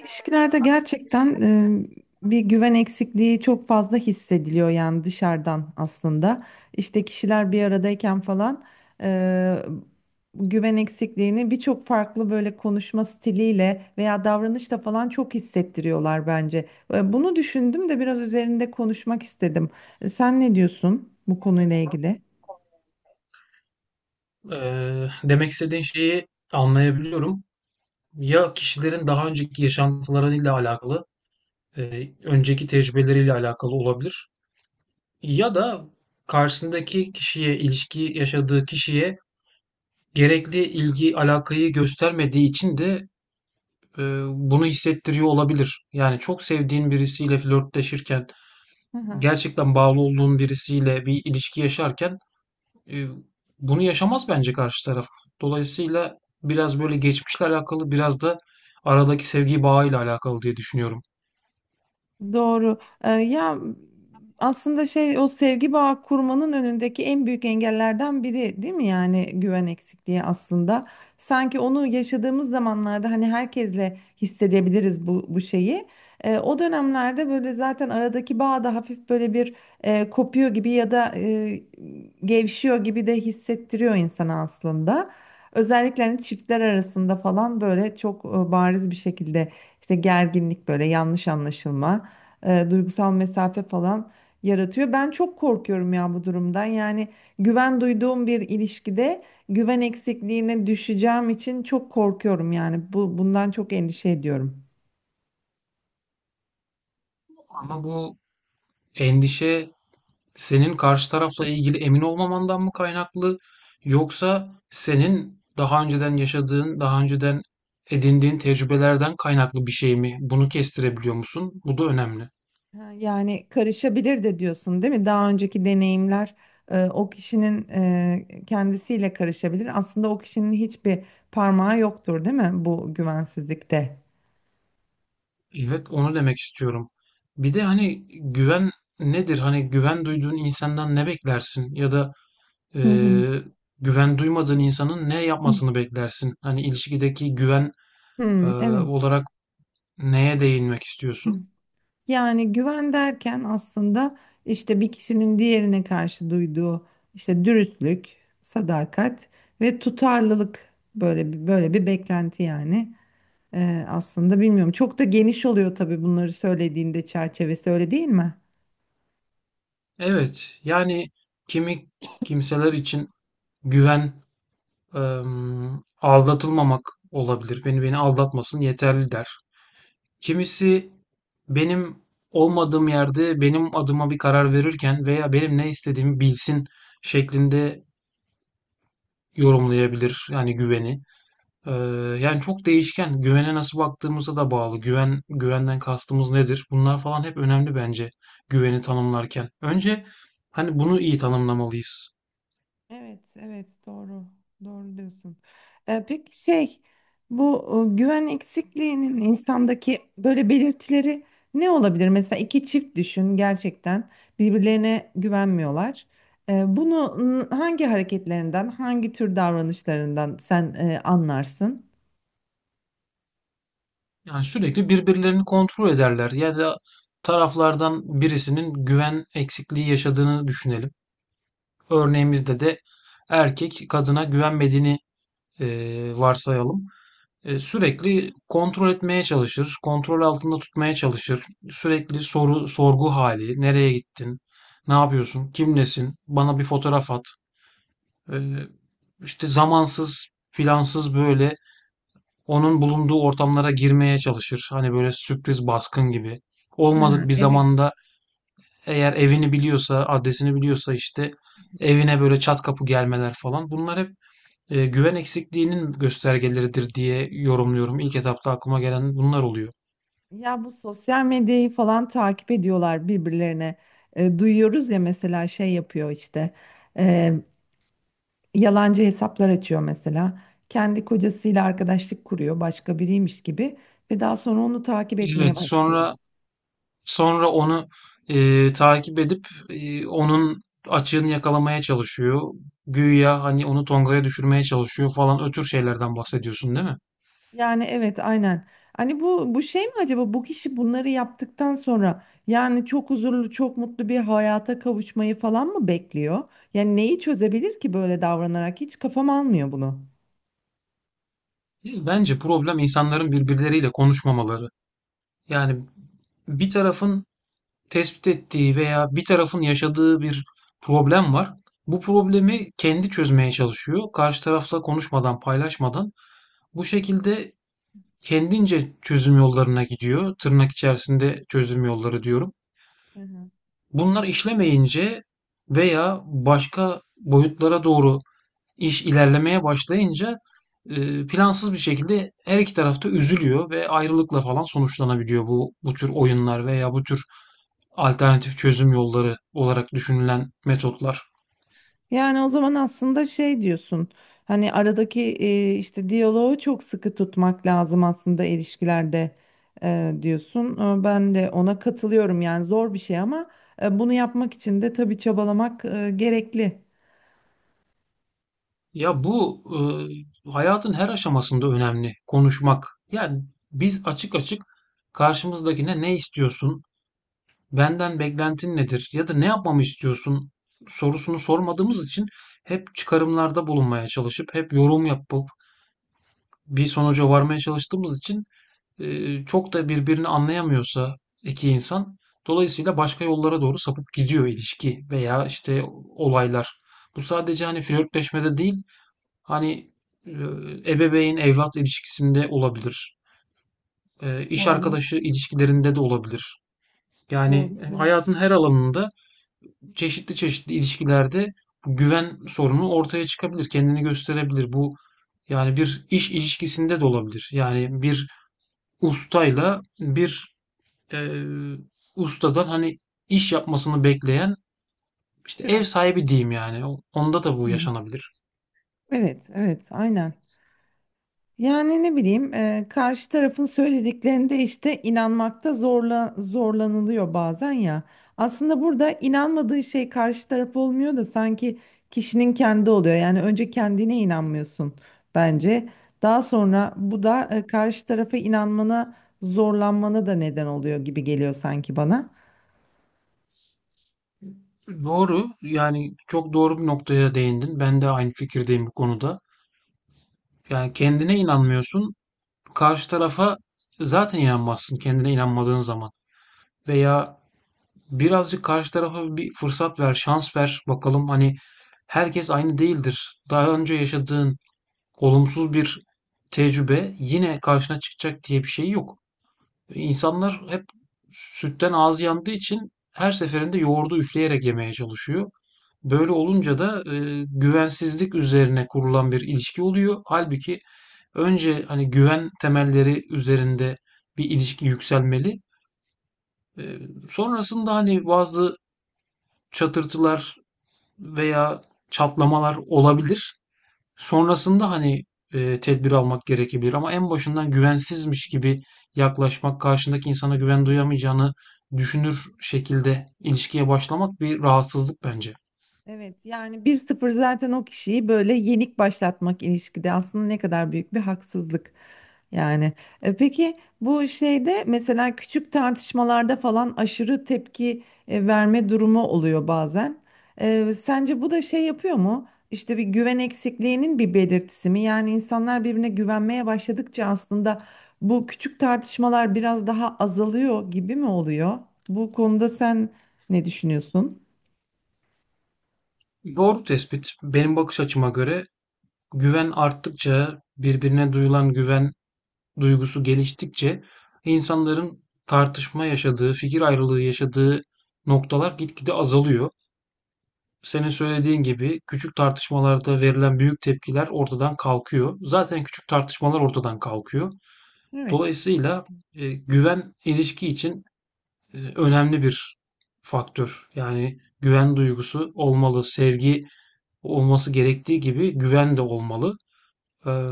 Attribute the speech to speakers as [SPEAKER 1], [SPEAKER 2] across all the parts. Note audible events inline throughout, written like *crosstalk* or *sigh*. [SPEAKER 1] İlişkilerde gerçekten e, bir güven eksikliği çok fazla hissediliyor yani dışarıdan aslında. İşte kişiler bir aradayken falan e, güven eksikliğini birçok farklı böyle konuşma stiliyle veya davranışla falan çok hissettiriyorlar bence. Bunu düşündüm de biraz üzerinde konuşmak istedim. Sen ne diyorsun bu konuyla ilgili?
[SPEAKER 2] Demek istediğin şeyi anlayabiliyorum. Ya kişilerin daha önceki yaşantılarıyla alakalı, önceki tecrübeleriyle alakalı olabilir. Ya da karşısındaki kişiye, ilişki yaşadığı kişiye gerekli ilgi, alakayı göstermediği için de bunu hissettiriyor olabilir. Yani çok sevdiğin birisiyle flörtleşirken,
[SPEAKER 1] Hı hı.
[SPEAKER 2] gerçekten bağlı olduğun birisiyle bir ilişki yaşarken Eee, bunu yaşamaz bence karşı taraf. Dolayısıyla biraz böyle geçmişle alakalı, biraz da aradaki sevgi bağıyla alakalı diye düşünüyorum.
[SPEAKER 1] Doğru. Ya aslında şey o sevgi bağı kurmanın önündeki en büyük engellerden biri değil mi yani güven eksikliği aslında. Sanki onu yaşadığımız zamanlarda hani herkesle hissedebiliriz bu şeyi. O dönemlerde böyle zaten aradaki bağ da hafif böyle bir kopuyor gibi ya da gevşiyor gibi de hissettiriyor insana aslında. Özellikle hani çiftler arasında falan böyle çok bariz bir şekilde işte gerginlik böyle yanlış anlaşılma duygusal mesafe falan yaratıyor. Ben çok korkuyorum ya bu durumdan. Yani güven duyduğum bir ilişkide güven eksikliğine düşeceğim için çok korkuyorum yani. Bundan çok endişe ediyorum.
[SPEAKER 2] Ama bu endişe senin karşı tarafla ilgili emin olmamandan mı kaynaklı yoksa senin daha önceden yaşadığın, daha önceden edindiğin tecrübelerden kaynaklı bir şey mi? Bunu kestirebiliyor musun? Bu da önemli.
[SPEAKER 1] Ha, yani karışabilir de diyorsun değil mi? Daha önceki deneyimler o kişinin kendisiyle karışabilir. Aslında o kişinin hiçbir parmağı yoktur değil mi bu güvensizlikte?
[SPEAKER 2] Evet, onu demek istiyorum. Bir de hani güven nedir? Hani güven duyduğun insandan ne beklersin? Ya da
[SPEAKER 1] Hı hı.
[SPEAKER 2] eee, güven duymadığın insanın ne yapmasını beklersin? Hani ilişkideki güven eee,
[SPEAKER 1] Hmm, evet.
[SPEAKER 2] olarak neye değinmek istiyorsun?
[SPEAKER 1] Yani güven derken aslında işte bir kişinin diğerine karşı duyduğu işte dürüstlük, sadakat ve tutarlılık böyle bir, böyle bir beklenti yani. Aslında bilmiyorum çok da geniş oluyor tabii bunları söylediğinde çerçevesi öyle değil mi?
[SPEAKER 2] Evet, yani kimi kimseler için güven, eee, aldatılmamak olabilir. Beni aldatmasın yeterli der. Kimisi benim olmadığım yerde benim adıma bir karar verirken veya benim ne istediğimi bilsin şeklinde yorumlayabilir yani güveni. Ee, Yani çok değişken. Güvene nasıl baktığımıza da bağlı. Güvenden kastımız nedir? Bunlar falan hep önemli bence güveni tanımlarken. Önce hani bunu iyi tanımlamalıyız.
[SPEAKER 1] Evet, evet doğru. Doğru diyorsun. Peki şey bu güven eksikliğinin insandaki böyle belirtileri ne olabilir? Mesela iki çift düşün gerçekten birbirlerine güvenmiyorlar. Bunu hangi hareketlerinden, hangi tür davranışlarından sen anlarsın?
[SPEAKER 2] Yani sürekli birbirlerini kontrol ederler ya da taraflardan birisinin güven eksikliği yaşadığını düşünelim. Örneğimizde de erkek kadına güvenmediğini varsayalım. Sürekli kontrol etmeye çalışır, kontrol altında tutmaya çalışır. Sürekli soru, sorgu hali, nereye gittin, ne yapıyorsun, kimlesin, bana bir fotoğraf at. E, işte zamansız, plansız böyle onun bulunduğu ortamlara girmeye çalışır. Hani böyle sürpriz baskın gibi. Olmadık
[SPEAKER 1] Ha,
[SPEAKER 2] bir
[SPEAKER 1] evet.
[SPEAKER 2] zamanda eğer evini biliyorsa, adresini biliyorsa işte evine böyle çat kapı gelmeler falan. Bunlar hep güven eksikliğinin göstergeleridir diye yorumluyorum. İlk etapta aklıma gelen bunlar oluyor.
[SPEAKER 1] Ya bu sosyal medyayı falan takip ediyorlar birbirlerine. E, duyuyoruz ya mesela şey yapıyor işte. Yalancı hesaplar açıyor mesela. Kendi kocasıyla arkadaşlık kuruyor, başka biriymiş gibi ve daha sonra onu takip etmeye
[SPEAKER 2] Evet,
[SPEAKER 1] başlıyor.
[SPEAKER 2] sonra onu, takip edip, onun açığını yakalamaya çalışıyor. Güya, hani, onu tongaya düşürmeye çalışıyor falan. Ötür şeylerden bahsediyorsun, değil mi?
[SPEAKER 1] Yani evet aynen. Hani bu şey mi acaba bu kişi bunları yaptıktan sonra yani çok huzurlu, çok mutlu bir hayata kavuşmayı falan mı bekliyor? Yani neyi çözebilir ki böyle davranarak? Hiç kafam almıyor bunu.
[SPEAKER 2] Değil. Bence problem insanların birbirleriyle konuşmamaları. Yani bir tarafın tespit ettiği veya bir tarafın yaşadığı bir problem var. Bu problemi kendi çözmeye çalışıyor. Karşı tarafla konuşmadan, paylaşmadan. Bu şekilde kendince çözüm yollarına gidiyor. Tırnak içerisinde çözüm yolları diyorum.
[SPEAKER 1] Hı hı.
[SPEAKER 2] Bunlar işlemeyince veya başka boyutlara doğru iş ilerlemeye başlayınca, plansız bir şekilde her iki tarafta üzülüyor ve ayrılıkla falan sonuçlanabiliyor bu tür oyunlar veya bu tür alternatif çözüm yolları olarak düşünülen metotlar.
[SPEAKER 1] Yani o zaman aslında şey diyorsun. Hani aradaki işte diyaloğu çok sıkı tutmak lazım aslında ilişkilerde diyorsun. E, ben de ona katılıyorum. Yani zor bir şey ama bunu yapmak için de tabii çabalamak gerekli.
[SPEAKER 2] Ya bu hayatın her aşamasında önemli konuşmak. Yani biz açık açık karşımızdakine ne istiyorsun, benden beklentin nedir ya da ne yapmamı istiyorsun sorusunu sormadığımız için hep çıkarımlarda bulunmaya çalışıp hep yorum yapıp bir sonuca varmaya çalıştığımız için çok da birbirini anlayamıyorsa iki insan dolayısıyla başka yollara doğru sapıp gidiyor ilişki veya işte olaylar. Bu sadece hani flörtleşmede değil. Hani e, ebeveyn evlat ilişkisinde olabilir. İş
[SPEAKER 1] Doğru.
[SPEAKER 2] arkadaşı ilişkilerinde de olabilir.
[SPEAKER 1] Doğru.
[SPEAKER 2] Yani
[SPEAKER 1] Evet.
[SPEAKER 2] hayatın her alanında çeşitli çeşitli ilişkilerde bu güven sorunu ortaya çıkabilir, kendini gösterebilir. Bu yani bir iş ilişkisinde de olabilir. Yani bir ustayla bir e, ustadan hani iş yapmasını bekleyen işte ev
[SPEAKER 1] Çırak.
[SPEAKER 2] sahibi diyeyim yani. Onda da bu
[SPEAKER 1] Hı.
[SPEAKER 2] yaşanabilir.
[SPEAKER 1] Evet, evet, aynen. Yani ne bileyim karşı tarafın söylediklerinde işte inanmakta zorlanılıyor bazen ya. Aslında burada inanmadığı şey karşı taraf olmuyor da sanki kişinin kendi oluyor. Yani önce kendine inanmıyorsun bence. Daha sonra bu da karşı tarafa inanmana zorlanmana da neden oluyor gibi geliyor sanki bana.
[SPEAKER 2] Doğru. Yani çok doğru bir noktaya değindin. Ben de aynı fikirdeyim bu konuda. Yani kendine inanmıyorsun. Karşı tarafa zaten inanmazsın kendine inanmadığın zaman. Veya birazcık karşı tarafa bir fırsat ver, şans ver. Bakalım hani herkes aynı değildir. Daha önce yaşadığın olumsuz bir tecrübe yine karşına çıkacak diye bir şey yok. İnsanlar hep sütten ağzı yandığı için her seferinde yoğurdu üfleyerek yemeye çalışıyor. Böyle olunca da güvensizlik üzerine kurulan bir ilişki oluyor. Halbuki önce hani güven temelleri üzerinde bir ilişki yükselmeli. E, Sonrasında hani bazı çatırtılar veya çatlamalar olabilir. Sonrasında, hani, tedbir almak gerekebilir ama en başından güvensizmiş gibi yaklaşmak, karşındaki insana güven duyamayacağını düşünür şekilde ilişkiye başlamak bir rahatsızlık bence.
[SPEAKER 1] Evet yani bir sıfır zaten o kişiyi böyle yenik başlatmak ilişkide aslında ne kadar büyük bir haksızlık. Yani peki bu şeyde mesela küçük tartışmalarda falan aşırı tepki verme durumu oluyor bazen. E, sence bu da şey yapıyor mu? İşte bir güven eksikliğinin bir belirtisi mi? Yani insanlar birbirine güvenmeye başladıkça aslında bu küçük tartışmalar biraz daha azalıyor gibi mi oluyor? Bu konuda sen ne düşünüyorsun?
[SPEAKER 2] Doğru tespit. Benim bakış açıma göre güven arttıkça, birbirine duyulan güven duygusu geliştikçe insanların tartışma yaşadığı, fikir ayrılığı yaşadığı noktalar gitgide azalıyor. Senin söylediğin gibi küçük tartışmalarda verilen büyük tepkiler ortadan kalkıyor. Zaten küçük tartışmalar ortadan kalkıyor.
[SPEAKER 1] Evet.
[SPEAKER 2] Dolayısıyla güven ilişki için önemli bir faktör. Yani güven duygusu olmalı, sevgi olması gerektiği gibi güven de olmalı. Eee,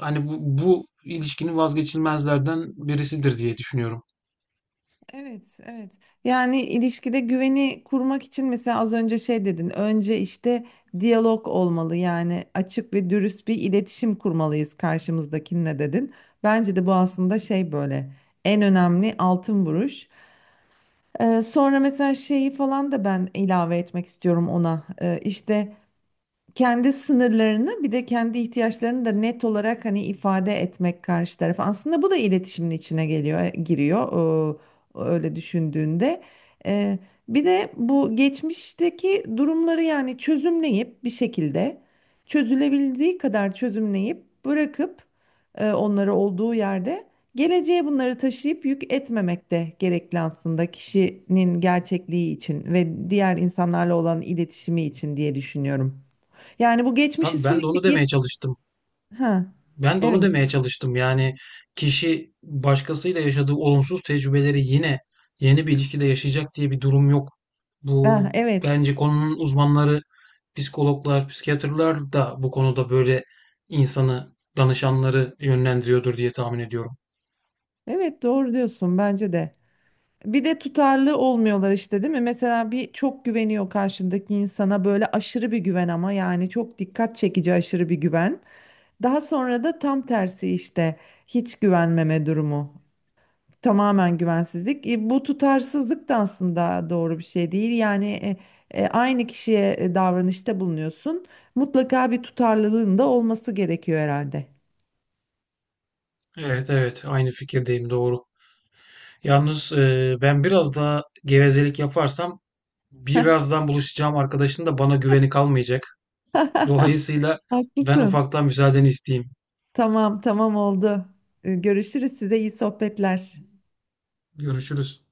[SPEAKER 2] Hani bu ilişkinin vazgeçilmezlerden birisidir diye düşünüyorum.
[SPEAKER 1] Evet, evet. Yani ilişkide güveni kurmak için mesela az önce şey dedin. Önce işte diyalog olmalı. Yani açık ve dürüst bir iletişim kurmalıyız karşımızdakinle dedin. Bence de bu aslında şey böyle en önemli altın vuruş. Sonra mesela şeyi falan da ben ilave etmek istiyorum ona. İşte kendi sınırlarını bir de kendi ihtiyaçlarını da net olarak hani ifade etmek karşı tarafa. Aslında bu da iletişimin içine geliyor, giriyor. Öyle düşündüğünde. Ee, bir de bu geçmişteki durumları yani çözümleyip bir şekilde çözülebildiği kadar çözümleyip bırakıp onları olduğu yerde geleceğe bunları taşıyıp yük etmemek de gerekli aslında kişinin gerçekliği için ve diğer insanlarla olan iletişimi için diye düşünüyorum. Yani bu geçmişi
[SPEAKER 2] Tabii ben de onu
[SPEAKER 1] sürekli
[SPEAKER 2] demeye
[SPEAKER 1] git.
[SPEAKER 2] çalıştım.
[SPEAKER 1] Ha,
[SPEAKER 2] Ben de onu
[SPEAKER 1] evet.
[SPEAKER 2] demeye çalıştım. Yani kişi başkasıyla yaşadığı olumsuz tecrübeleri yine yeni bir ilişkide yaşayacak diye bir durum yok.
[SPEAKER 1] Ha,
[SPEAKER 2] Bu
[SPEAKER 1] evet.
[SPEAKER 2] bence konunun uzmanları, psikologlar, psikiyatrlar da bu konuda böyle insanı, danışanları yönlendiriyordur diye tahmin ediyorum.
[SPEAKER 1] Evet doğru diyorsun bence de. Bir de tutarlı olmuyorlar işte değil mi? Mesela bir çok güveniyor karşındaki insana böyle aşırı bir güven ama yani çok dikkat çekici aşırı bir güven. Daha sonra da tam tersi işte hiç güvenmeme durumu. Tamamen güvensizlik. E, bu tutarsızlık da aslında doğru bir şey değil. Yani aynı kişiye davranışta bulunuyorsun. Mutlaka bir tutarlılığın da olması gerekiyor herhalde.
[SPEAKER 2] Evet evet aynı fikirdeyim doğru. Yalnız ben biraz daha gevezelik yaparsam birazdan buluşacağım arkadaşın da bana güveni kalmayacak. Dolayısıyla
[SPEAKER 1] *laughs*
[SPEAKER 2] ben
[SPEAKER 1] Haklısın.
[SPEAKER 2] ufaktan müsaadeni isteyeyim.
[SPEAKER 1] Tamam, tamam oldu. Görüşürüz. Size iyi sohbetler.
[SPEAKER 2] Görüşürüz.